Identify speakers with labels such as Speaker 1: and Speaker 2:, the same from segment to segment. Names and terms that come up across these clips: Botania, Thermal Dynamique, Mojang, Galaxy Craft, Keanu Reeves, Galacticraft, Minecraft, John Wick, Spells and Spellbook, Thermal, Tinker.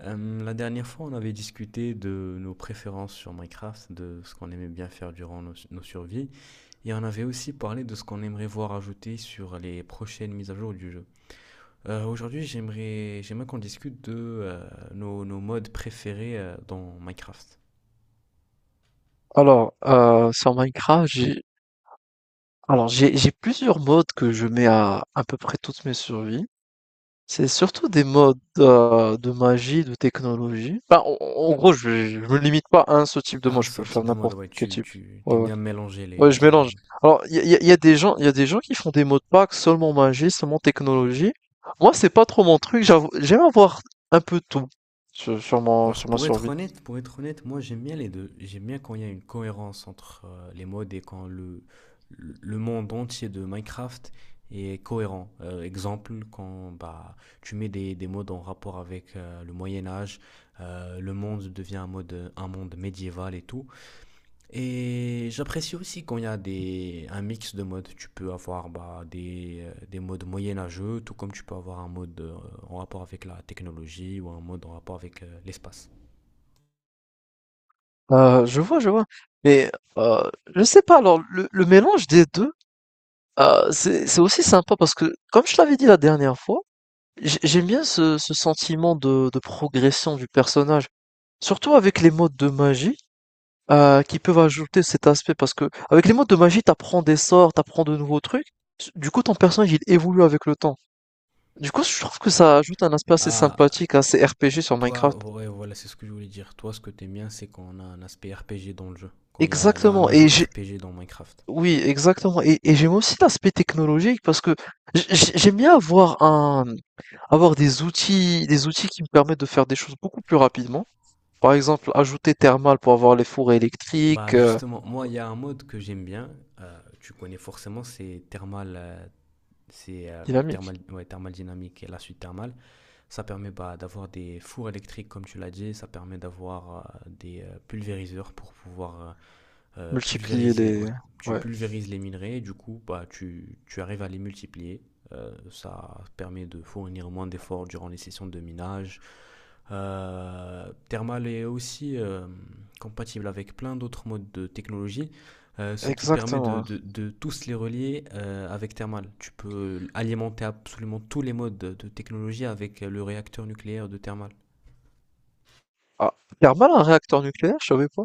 Speaker 1: La dernière fois, on avait discuté de nos préférences sur Minecraft, de ce qu'on aimait bien faire durant nos survies, et on avait aussi parlé de ce qu'on aimerait voir ajouté sur les prochaines mises à jour du jeu. Aujourd'hui, j'aimerais qu'on discute de nos modes préférés dans Minecraft.
Speaker 2: Alors, sur Minecraft, j'ai alors j'ai plusieurs modes que je mets à peu près toutes mes survies. C'est surtout des modes de magie, de technologie. Enfin, en gros, je me limite pas à un seul type de mode.
Speaker 1: Un
Speaker 2: Je peux
Speaker 1: seul type
Speaker 2: faire
Speaker 1: de mode,
Speaker 2: n'importe
Speaker 1: ouais,
Speaker 2: quel type.
Speaker 1: tu
Speaker 2: Ouais,
Speaker 1: t'aimes
Speaker 2: ouais.
Speaker 1: bien mélanger
Speaker 2: Ouais,
Speaker 1: les
Speaker 2: je
Speaker 1: genres de
Speaker 2: mélange.
Speaker 1: modes.
Speaker 2: Alors, il y a, y a- y a des gens, il y a des gens qui font des modes pack seulement magie, seulement technologie. Moi, c'est pas trop mon truc. J'aime avoir un peu tout sur, sur mon
Speaker 1: Alors
Speaker 2: sur ma survie.
Speaker 1: pour être honnête, moi j'aime bien les deux. J'aime bien quand il y a une cohérence entre les modes et quand le monde entier de Minecraft est cohérent. Exemple, quand bah, tu mets des modes en rapport avec le Moyen Âge, le monde devient un, mode, un monde médiéval et tout. Et j'apprécie aussi quand il y a des, un mix de modes. Tu peux avoir bah, des modes moyenâgeux, tout comme tu peux avoir un mode en rapport avec la technologie ou un mode en rapport avec l'espace.
Speaker 2: Je vois, je vois. Mais euh, je sais pas. Alors, le mélange des deux. C'est aussi sympa parce que, comme je l'avais dit la dernière fois, j'aime bien ce sentiment de progression du personnage. Surtout avec les modes de magie, qui peuvent ajouter cet aspect parce que avec les modes de magie, t'apprends des sorts, t'apprends de nouveaux trucs. Du coup, ton personnage, il évolue avec le temps. Du coup, je trouve que ça ajoute un aspect assez
Speaker 1: Ah,
Speaker 2: sympathique à ces RPG sur
Speaker 1: toi,
Speaker 2: Minecraft.
Speaker 1: ouais, voilà, c'est ce que je voulais dire. Toi, ce que t'aimes bien, c'est quand on a un aspect RPG dans le jeu, quand il y a un
Speaker 2: Exactement
Speaker 1: ajout
Speaker 2: et j'ai
Speaker 1: RPG dans Minecraft.
Speaker 2: Oui, exactement, et j'aime aussi l'aspect technologique parce que j'aime bien avoir des outils qui me permettent de faire des choses beaucoup plus rapidement. Par exemple, ajouter thermal pour avoir les fours électriques,
Speaker 1: Bah justement, moi, il y a un mode que j'aime bien, tu connais forcément, c'est
Speaker 2: dynamique.
Speaker 1: Thermal, ouais, Thermal Dynamique et la suite Thermal. Ça permet bah, d'avoir des fours électriques, comme tu l'as dit, ça permet d'avoir des pulvériseurs pour pouvoir
Speaker 2: Multiplier
Speaker 1: pulvériser,
Speaker 2: les...
Speaker 1: ouais. Tu
Speaker 2: Ouais,
Speaker 1: pulvérises les minerais, du coup, bah, tu arrives à les multiplier. Ça permet de fournir moins d'efforts durant les sessions de minage. Thermal est aussi compatible avec plein d'autres modes de technologie, ce qui permet
Speaker 2: exactement. Ouais.
Speaker 1: de tous les relier avec Thermal. Tu peux alimenter absolument tous les modes de technologie avec le réacteur nucléaire de Thermal.
Speaker 2: Ah, thermal, un réacteur nucléaire, je savais pas.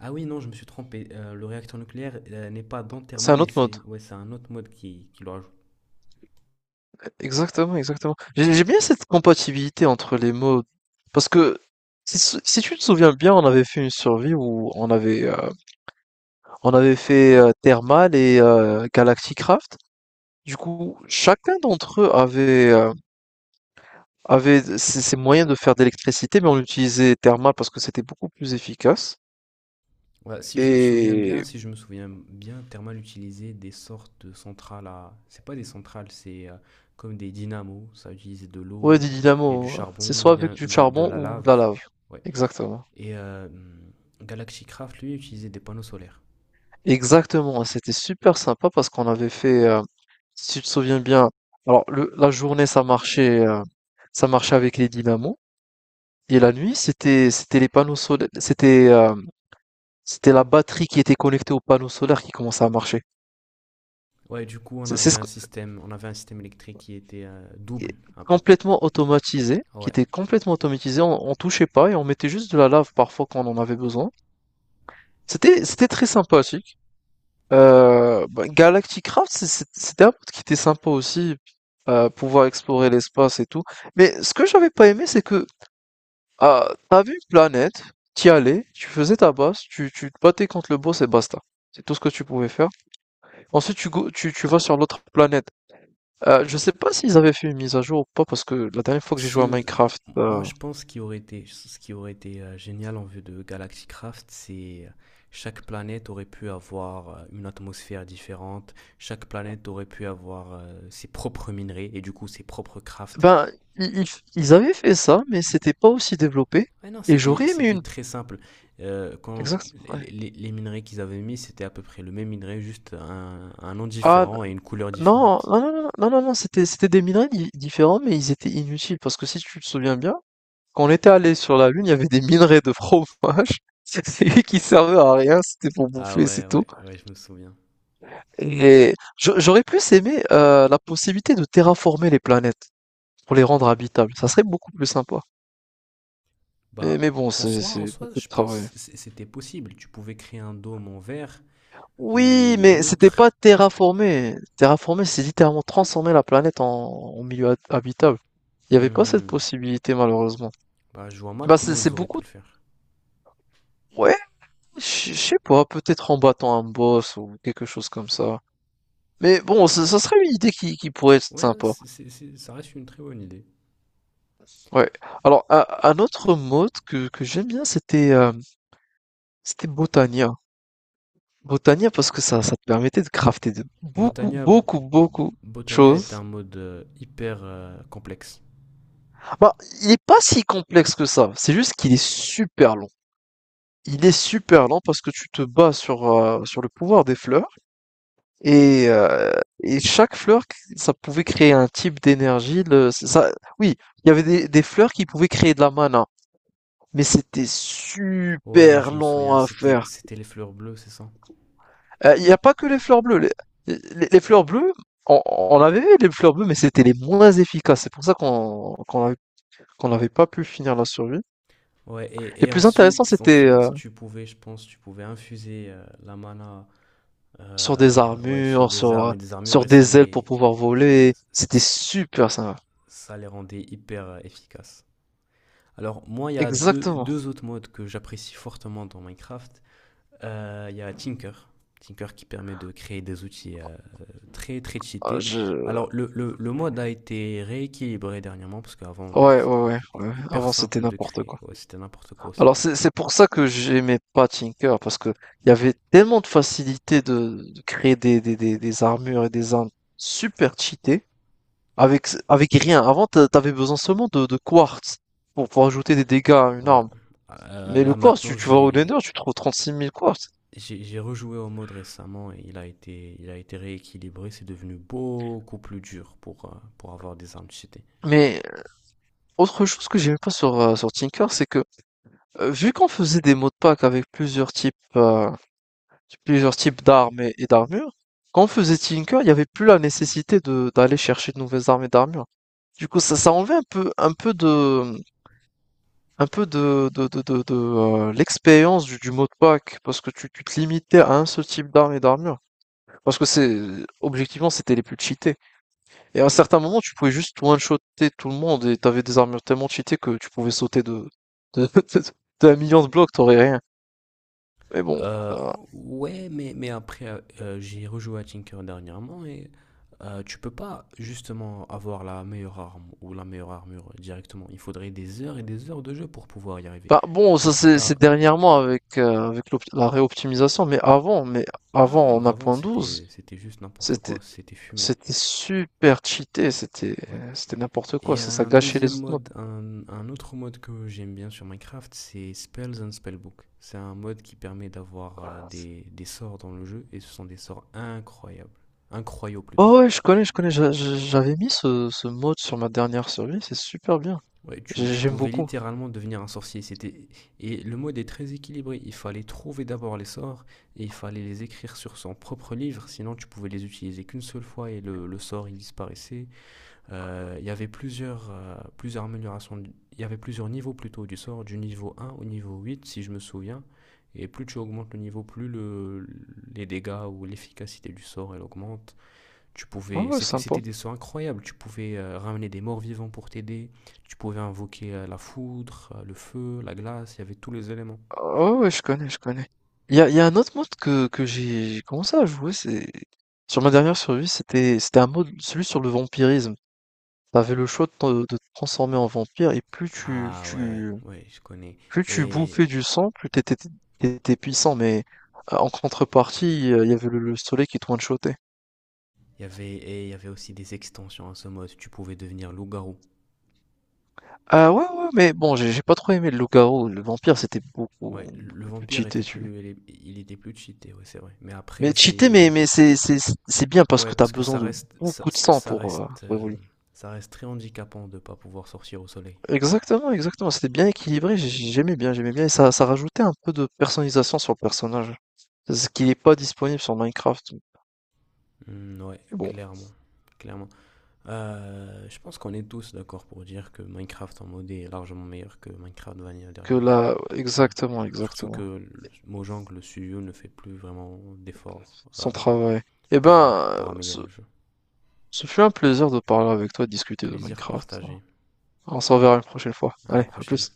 Speaker 1: Ah oui, non, je me suis trompé. Le réacteur nucléaire n'est pas dans
Speaker 2: C'est
Speaker 1: Thermal,
Speaker 2: un
Speaker 1: mais
Speaker 2: autre mode.
Speaker 1: c'est ouais, c'est un autre mode qui le rajoute.
Speaker 2: Exactement, exactement. J'aime bien cette compatibilité entre les modes. Parce que, si, si tu te souviens bien, on avait fait une survie où on avait fait Thermal et Galacticraft. Du coup, chacun d'entre eux avait ces moyens de faire de l'électricité, mais on l'utilisait thermal parce que c'était beaucoup plus efficace.
Speaker 1: Ouais, si je me souviens bien,
Speaker 2: Et
Speaker 1: si je me souviens bien, Thermal utilisait des sortes de centrales à... C'est pas des centrales, c'est comme des dynamos. Ça utilisait de
Speaker 2: ouais,
Speaker 1: l'eau
Speaker 2: dit
Speaker 1: et du
Speaker 2: Dynamo, c'est
Speaker 1: charbon,
Speaker 2: soit avec
Speaker 1: bien
Speaker 2: du
Speaker 1: de
Speaker 2: charbon
Speaker 1: la
Speaker 2: ou de
Speaker 1: lave.
Speaker 2: la lave.
Speaker 1: Ouais.
Speaker 2: Exactement.
Speaker 1: Et Galaxy Craft, lui, utilisait des panneaux solaires.
Speaker 2: Exactement. C'était super sympa parce qu'on avait si tu te souviens bien, alors la journée ça ça marchait avec les dynamos. Et la nuit, c'était les panneaux solaires, c'était la batterie qui était connectée aux panneaux solaires qui commençait à marcher.
Speaker 1: Ouais, du coup,
Speaker 2: C'est ce,
Speaker 1: on avait un système électrique qui était
Speaker 2: Et
Speaker 1: double, un peu.
Speaker 2: complètement automatisé, qui
Speaker 1: Ouais.
Speaker 2: était complètement automatisé, on touchait pas et on mettait juste de la lave parfois quand on en avait besoin. C'était très sympathique. Bah, Galactic Craft, c'était un mode qui était sympa aussi, pouvoir explorer l'espace et tout. Mais ce que j'avais pas aimé, c'est que t'avais une planète, t'y allais, tu faisais ta base, tu te battais contre le boss et basta. C'est tout ce que tu pouvais faire. Ensuite, tu vas sur l'autre planète. Je sais pas s'ils avaient fait une mise à jour ou pas, parce que la dernière fois que j'ai joué à
Speaker 1: Ce,
Speaker 2: Minecraft,
Speaker 1: moi,
Speaker 2: euh,
Speaker 1: je pense qu'il aurait été, ce qui aurait été génial en vue de Galaxy Craft, c'est chaque planète aurait pu avoir une atmosphère différente, chaque planète aurait pu avoir ses propres minerais et du coup ses propres crafts.
Speaker 2: Ben, i ils ils avaient fait ça, mais c'était pas aussi développé
Speaker 1: Ouais, non,
Speaker 2: et j'aurais aimé
Speaker 1: c'était
Speaker 2: une
Speaker 1: très simple. Quand
Speaker 2: exact, ouais.
Speaker 1: les minerais qu'ils avaient mis, c'était à peu près le même minerai, juste un nom
Speaker 2: Ah
Speaker 1: différent et une couleur
Speaker 2: non,
Speaker 1: différente.
Speaker 2: non, non, non, non, non, non, c'était des minerais di différents, mais ils étaient inutiles parce que si tu te souviens bien, quand on était allés sur la Lune, il y avait des minerais de fromage C'est qui servaient à rien, c'était pour
Speaker 1: Ah
Speaker 2: bouffer,
Speaker 1: ouais,
Speaker 2: c'est tout.
Speaker 1: ouais, ouais, je me souviens.
Speaker 2: Et j'aurais plus aimé, la possibilité de terraformer les planètes pour les rendre habitables, ça serait beaucoup plus sympa. Mais
Speaker 1: Bah,
Speaker 2: mais bon, c'est c'est
Speaker 1: en soi,
Speaker 2: beaucoup
Speaker 1: je
Speaker 2: de travail.
Speaker 1: pense c'était possible. Tu pouvais créer un dôme en verre
Speaker 2: Oui,
Speaker 1: ou
Speaker 2: mais c'était pas
Speaker 1: autre.
Speaker 2: terraformer. Terraformer, c'est littéralement transformer la planète en milieu habitable. Il n'y avait pas cette
Speaker 1: Hmm.
Speaker 2: possibilité, malheureusement.
Speaker 1: Bah, je vois mal
Speaker 2: Bah,
Speaker 1: comment
Speaker 2: c'est
Speaker 1: ils auraient pu
Speaker 2: beaucoup.
Speaker 1: le faire.
Speaker 2: Ouais, je sais pas, peut-être en battant un boss ou quelque chose comme ça. Mais bon, ça serait une idée qui pourrait être
Speaker 1: Ouais, ouais,
Speaker 2: sympa.
Speaker 1: ça reste une très bonne idée.
Speaker 2: Ouais. Alors, un autre mode que j'aime bien, c'était Botania. Botania parce que ça te permettait de crafter de beaucoup,
Speaker 1: Botania,
Speaker 2: beaucoup, beaucoup de
Speaker 1: Botania est
Speaker 2: choses.
Speaker 1: un mode hyper complexe.
Speaker 2: Bah, il est pas si complexe que ça, c'est juste qu'il est super long. Il est super lent parce que tu te bats sur le pouvoir des fleurs et, euh, et chaque fleur, ça pouvait créer un type d'énergie. Ça, oui, il y avait des fleurs qui pouvaient créer de la mana, mais c'était
Speaker 1: Ouais,
Speaker 2: super
Speaker 1: je me
Speaker 2: long
Speaker 1: souviens,
Speaker 2: à faire.
Speaker 1: c'était les fleurs bleues, c'est ça?
Speaker 2: Il n'y a pas que les fleurs bleues. Les fleurs bleues, on avait vu les fleurs bleues, mais c'était les moins efficaces. C'est pour ça qu'on n'avait pas pu finir la survie.
Speaker 1: Ouais,
Speaker 2: Les
Speaker 1: et
Speaker 2: plus intéressants, c'était
Speaker 1: ensuite, je pense, tu pouvais infuser la mana
Speaker 2: sur des
Speaker 1: ouais, sur
Speaker 2: armures,
Speaker 1: des armes et des armures
Speaker 2: sur
Speaker 1: et
Speaker 2: des ailes pour pouvoir voler. C'était
Speaker 1: ça,
Speaker 2: super ça.
Speaker 1: ça les rendait hyper efficaces. Alors moi, il y a
Speaker 2: Exactement.
Speaker 1: deux autres modes que j'apprécie fortement dans Minecraft. Il y a Tinker. Tinker qui permet de créer des outils très très
Speaker 2: Ah,
Speaker 1: cheatés.
Speaker 2: je...
Speaker 1: Alors le mode a été rééquilibré dernièrement parce qu'avant
Speaker 2: Ouais, ouais, ouais,
Speaker 1: c'était
Speaker 2: ouais.
Speaker 1: hyper
Speaker 2: Avant, c'était
Speaker 1: simple de
Speaker 2: n'importe
Speaker 1: créer.
Speaker 2: quoi.
Speaker 1: Ouais, c'était n'importe quoi,
Speaker 2: Alors,
Speaker 1: c'était.
Speaker 2: c'est pour ça que j'aimais pas Tinker, parce que il y avait tellement de facilité de créer des armures et des armes super cheatées, avec rien. Avant, t'avais besoin seulement de quartz pour ajouter des dégâts à une
Speaker 1: Ouais.
Speaker 2: arme. Mais le
Speaker 1: Là
Speaker 2: quartz,
Speaker 1: maintenant
Speaker 2: tu vas au Nether, tu trouves 36 000 quartz.
Speaker 1: j'ai rejoué au mode récemment et il a été rééquilibré. C'est devenu beaucoup plus dur pour avoir des armes cheatées.
Speaker 2: Mais autre chose que j'aimais pas sur Tinker, c'est que vu qu'on faisait des mots de pack avec plusieurs plusieurs types d'armes et d'armures, quand on faisait Tinker, il n'y avait plus la nécessité de d'aller chercher de nouvelles armes et d'armures. Du coup, ça enlevait un peu de, de, l'expérience du mot de pack, parce que tu te limitais à un seul type d'arme et d'armure. Parce que c'est, objectivement, c'était les plus cheatés. Et à un certain moment, tu pouvais juste one-shotter tout le monde et t'avais des armures tellement cheatées que tu pouvais sauter de, de, d'un million de blocs, t'aurais rien. Mais bon,
Speaker 1: Euh,
Speaker 2: euh,
Speaker 1: ouais, mais après, j'ai rejoué à Tinker dernièrement et tu peux pas justement avoir la meilleure arme ou la meilleure armure directement. Il faudrait des heures et des heures de jeu pour pouvoir y arriver.
Speaker 2: bah bon,
Speaker 1: Du
Speaker 2: ça
Speaker 1: coup,
Speaker 2: c'est
Speaker 1: t'as...
Speaker 2: c'est dernièrement avec la réoptimisation, mais
Speaker 1: Ah
Speaker 2: avant
Speaker 1: oui,
Speaker 2: en
Speaker 1: mais
Speaker 2: un
Speaker 1: avant,
Speaker 2: point douze,
Speaker 1: c'était juste n'importe
Speaker 2: c'était
Speaker 1: quoi, c'était fumé.
Speaker 2: c'était super cheaté, c'était
Speaker 1: Ouais.
Speaker 2: c'était n'importe quoi,
Speaker 1: Et
Speaker 2: ça
Speaker 1: un
Speaker 2: gâchait
Speaker 1: deuxième
Speaker 2: les autres modes.
Speaker 1: mode, un autre mode que j'aime bien sur Minecraft, c'est Spells and Spellbook. C'est un mode qui permet d'avoir des sorts dans le jeu et ce sont des sorts incroyables. Incroyaux plutôt.
Speaker 2: Oh ouais, je connais, j'avais mis ce mode sur ma dernière survie, c'est super bien.
Speaker 1: Ouais, tu
Speaker 2: J'aime
Speaker 1: pouvais
Speaker 2: beaucoup.
Speaker 1: littéralement devenir un sorcier. C'était et le mode est très équilibré. Il fallait trouver d'abord les sorts et il fallait les écrire sur son propre livre. Sinon, tu pouvais les utiliser qu'une seule fois et le sort il disparaissait. Il y avait plusieurs plusieurs améliorations. Il y avait plusieurs niveaux plutôt du sort, du niveau un au niveau 8, si je me souviens. Et plus tu augmentes le niveau, plus les dégâts ou l'efficacité du sort elle augmente. Tu
Speaker 2: Ouais,
Speaker 1: pouvais,
Speaker 2: ouais, sympa.
Speaker 1: c'était des sons incroyables. Tu pouvais ramener des morts vivants pour t'aider. Tu pouvais invoquer la foudre, le feu, la glace. Il y avait tous les éléments.
Speaker 2: Oh ouais, je connais, je connais. Il y a un autre mode que j'ai commencé à jouer, c'est sur ma dernière survie, c'était un mode, celui sur le vampirisme. T'avais le choix de te transformer en vampire et plus tu
Speaker 1: Ah ouais,
Speaker 2: tu
Speaker 1: ouais, je connais.
Speaker 2: plus tu
Speaker 1: Et
Speaker 2: bouffais du sang, plus t'étais puissant, mais en contrepartie, il y avait le soleil qui te one-shotait.
Speaker 1: et il y avait aussi des extensions à ce mode. Tu pouvais devenir loup-garou.
Speaker 2: Ah ouais, ouais, ouais, mais bon, j'ai pas trop aimé le loup-garou. Le vampire, c'était beaucoup,
Speaker 1: Ouais, le
Speaker 2: beaucoup plus
Speaker 1: vampire
Speaker 2: cheaté,
Speaker 1: était
Speaker 2: tu.
Speaker 1: plus, il était plus cheaté, ouais, c'est vrai. Mais après,
Speaker 2: Mais cheaté, mais,
Speaker 1: c'est,
Speaker 2: mais c'est bien parce que
Speaker 1: ouais,
Speaker 2: t'as
Speaker 1: parce que
Speaker 2: besoin
Speaker 1: ça
Speaker 2: de
Speaker 1: reste, ça,
Speaker 2: beaucoup de
Speaker 1: ça
Speaker 2: sang pour évoluer.
Speaker 1: ça reste très handicapant de pas pouvoir sortir au soleil.
Speaker 2: Exactement, exactement. C'était bien équilibré, j'aimais bien, j'aimais bien. Et ça rajoutait un peu de personnalisation sur le personnage. Ce qui n'est pas disponible sur Minecraft.
Speaker 1: Hmm, ouais,
Speaker 2: Mais bon.
Speaker 1: clairement, clairement. Je pense qu'on est tous d'accord pour dire que Minecraft en modé est largement meilleur que Minecraft Vanilla
Speaker 2: Que
Speaker 1: dernièrement.
Speaker 2: là,
Speaker 1: Ouais.
Speaker 2: exactement,
Speaker 1: Surtout que
Speaker 2: exactement,
Speaker 1: Mojang, le studio, ne fait plus vraiment d'efforts
Speaker 2: son travail. Eh ben,
Speaker 1: pour
Speaker 2: ce,
Speaker 1: améliorer le jeu.
Speaker 2: ce fut un plaisir de parler avec toi, de discuter de
Speaker 1: Plaisir
Speaker 2: Minecraft.
Speaker 1: partagé.
Speaker 2: On s'en verra une prochaine fois.
Speaker 1: À la
Speaker 2: Allez, à
Speaker 1: prochaine.
Speaker 2: plus.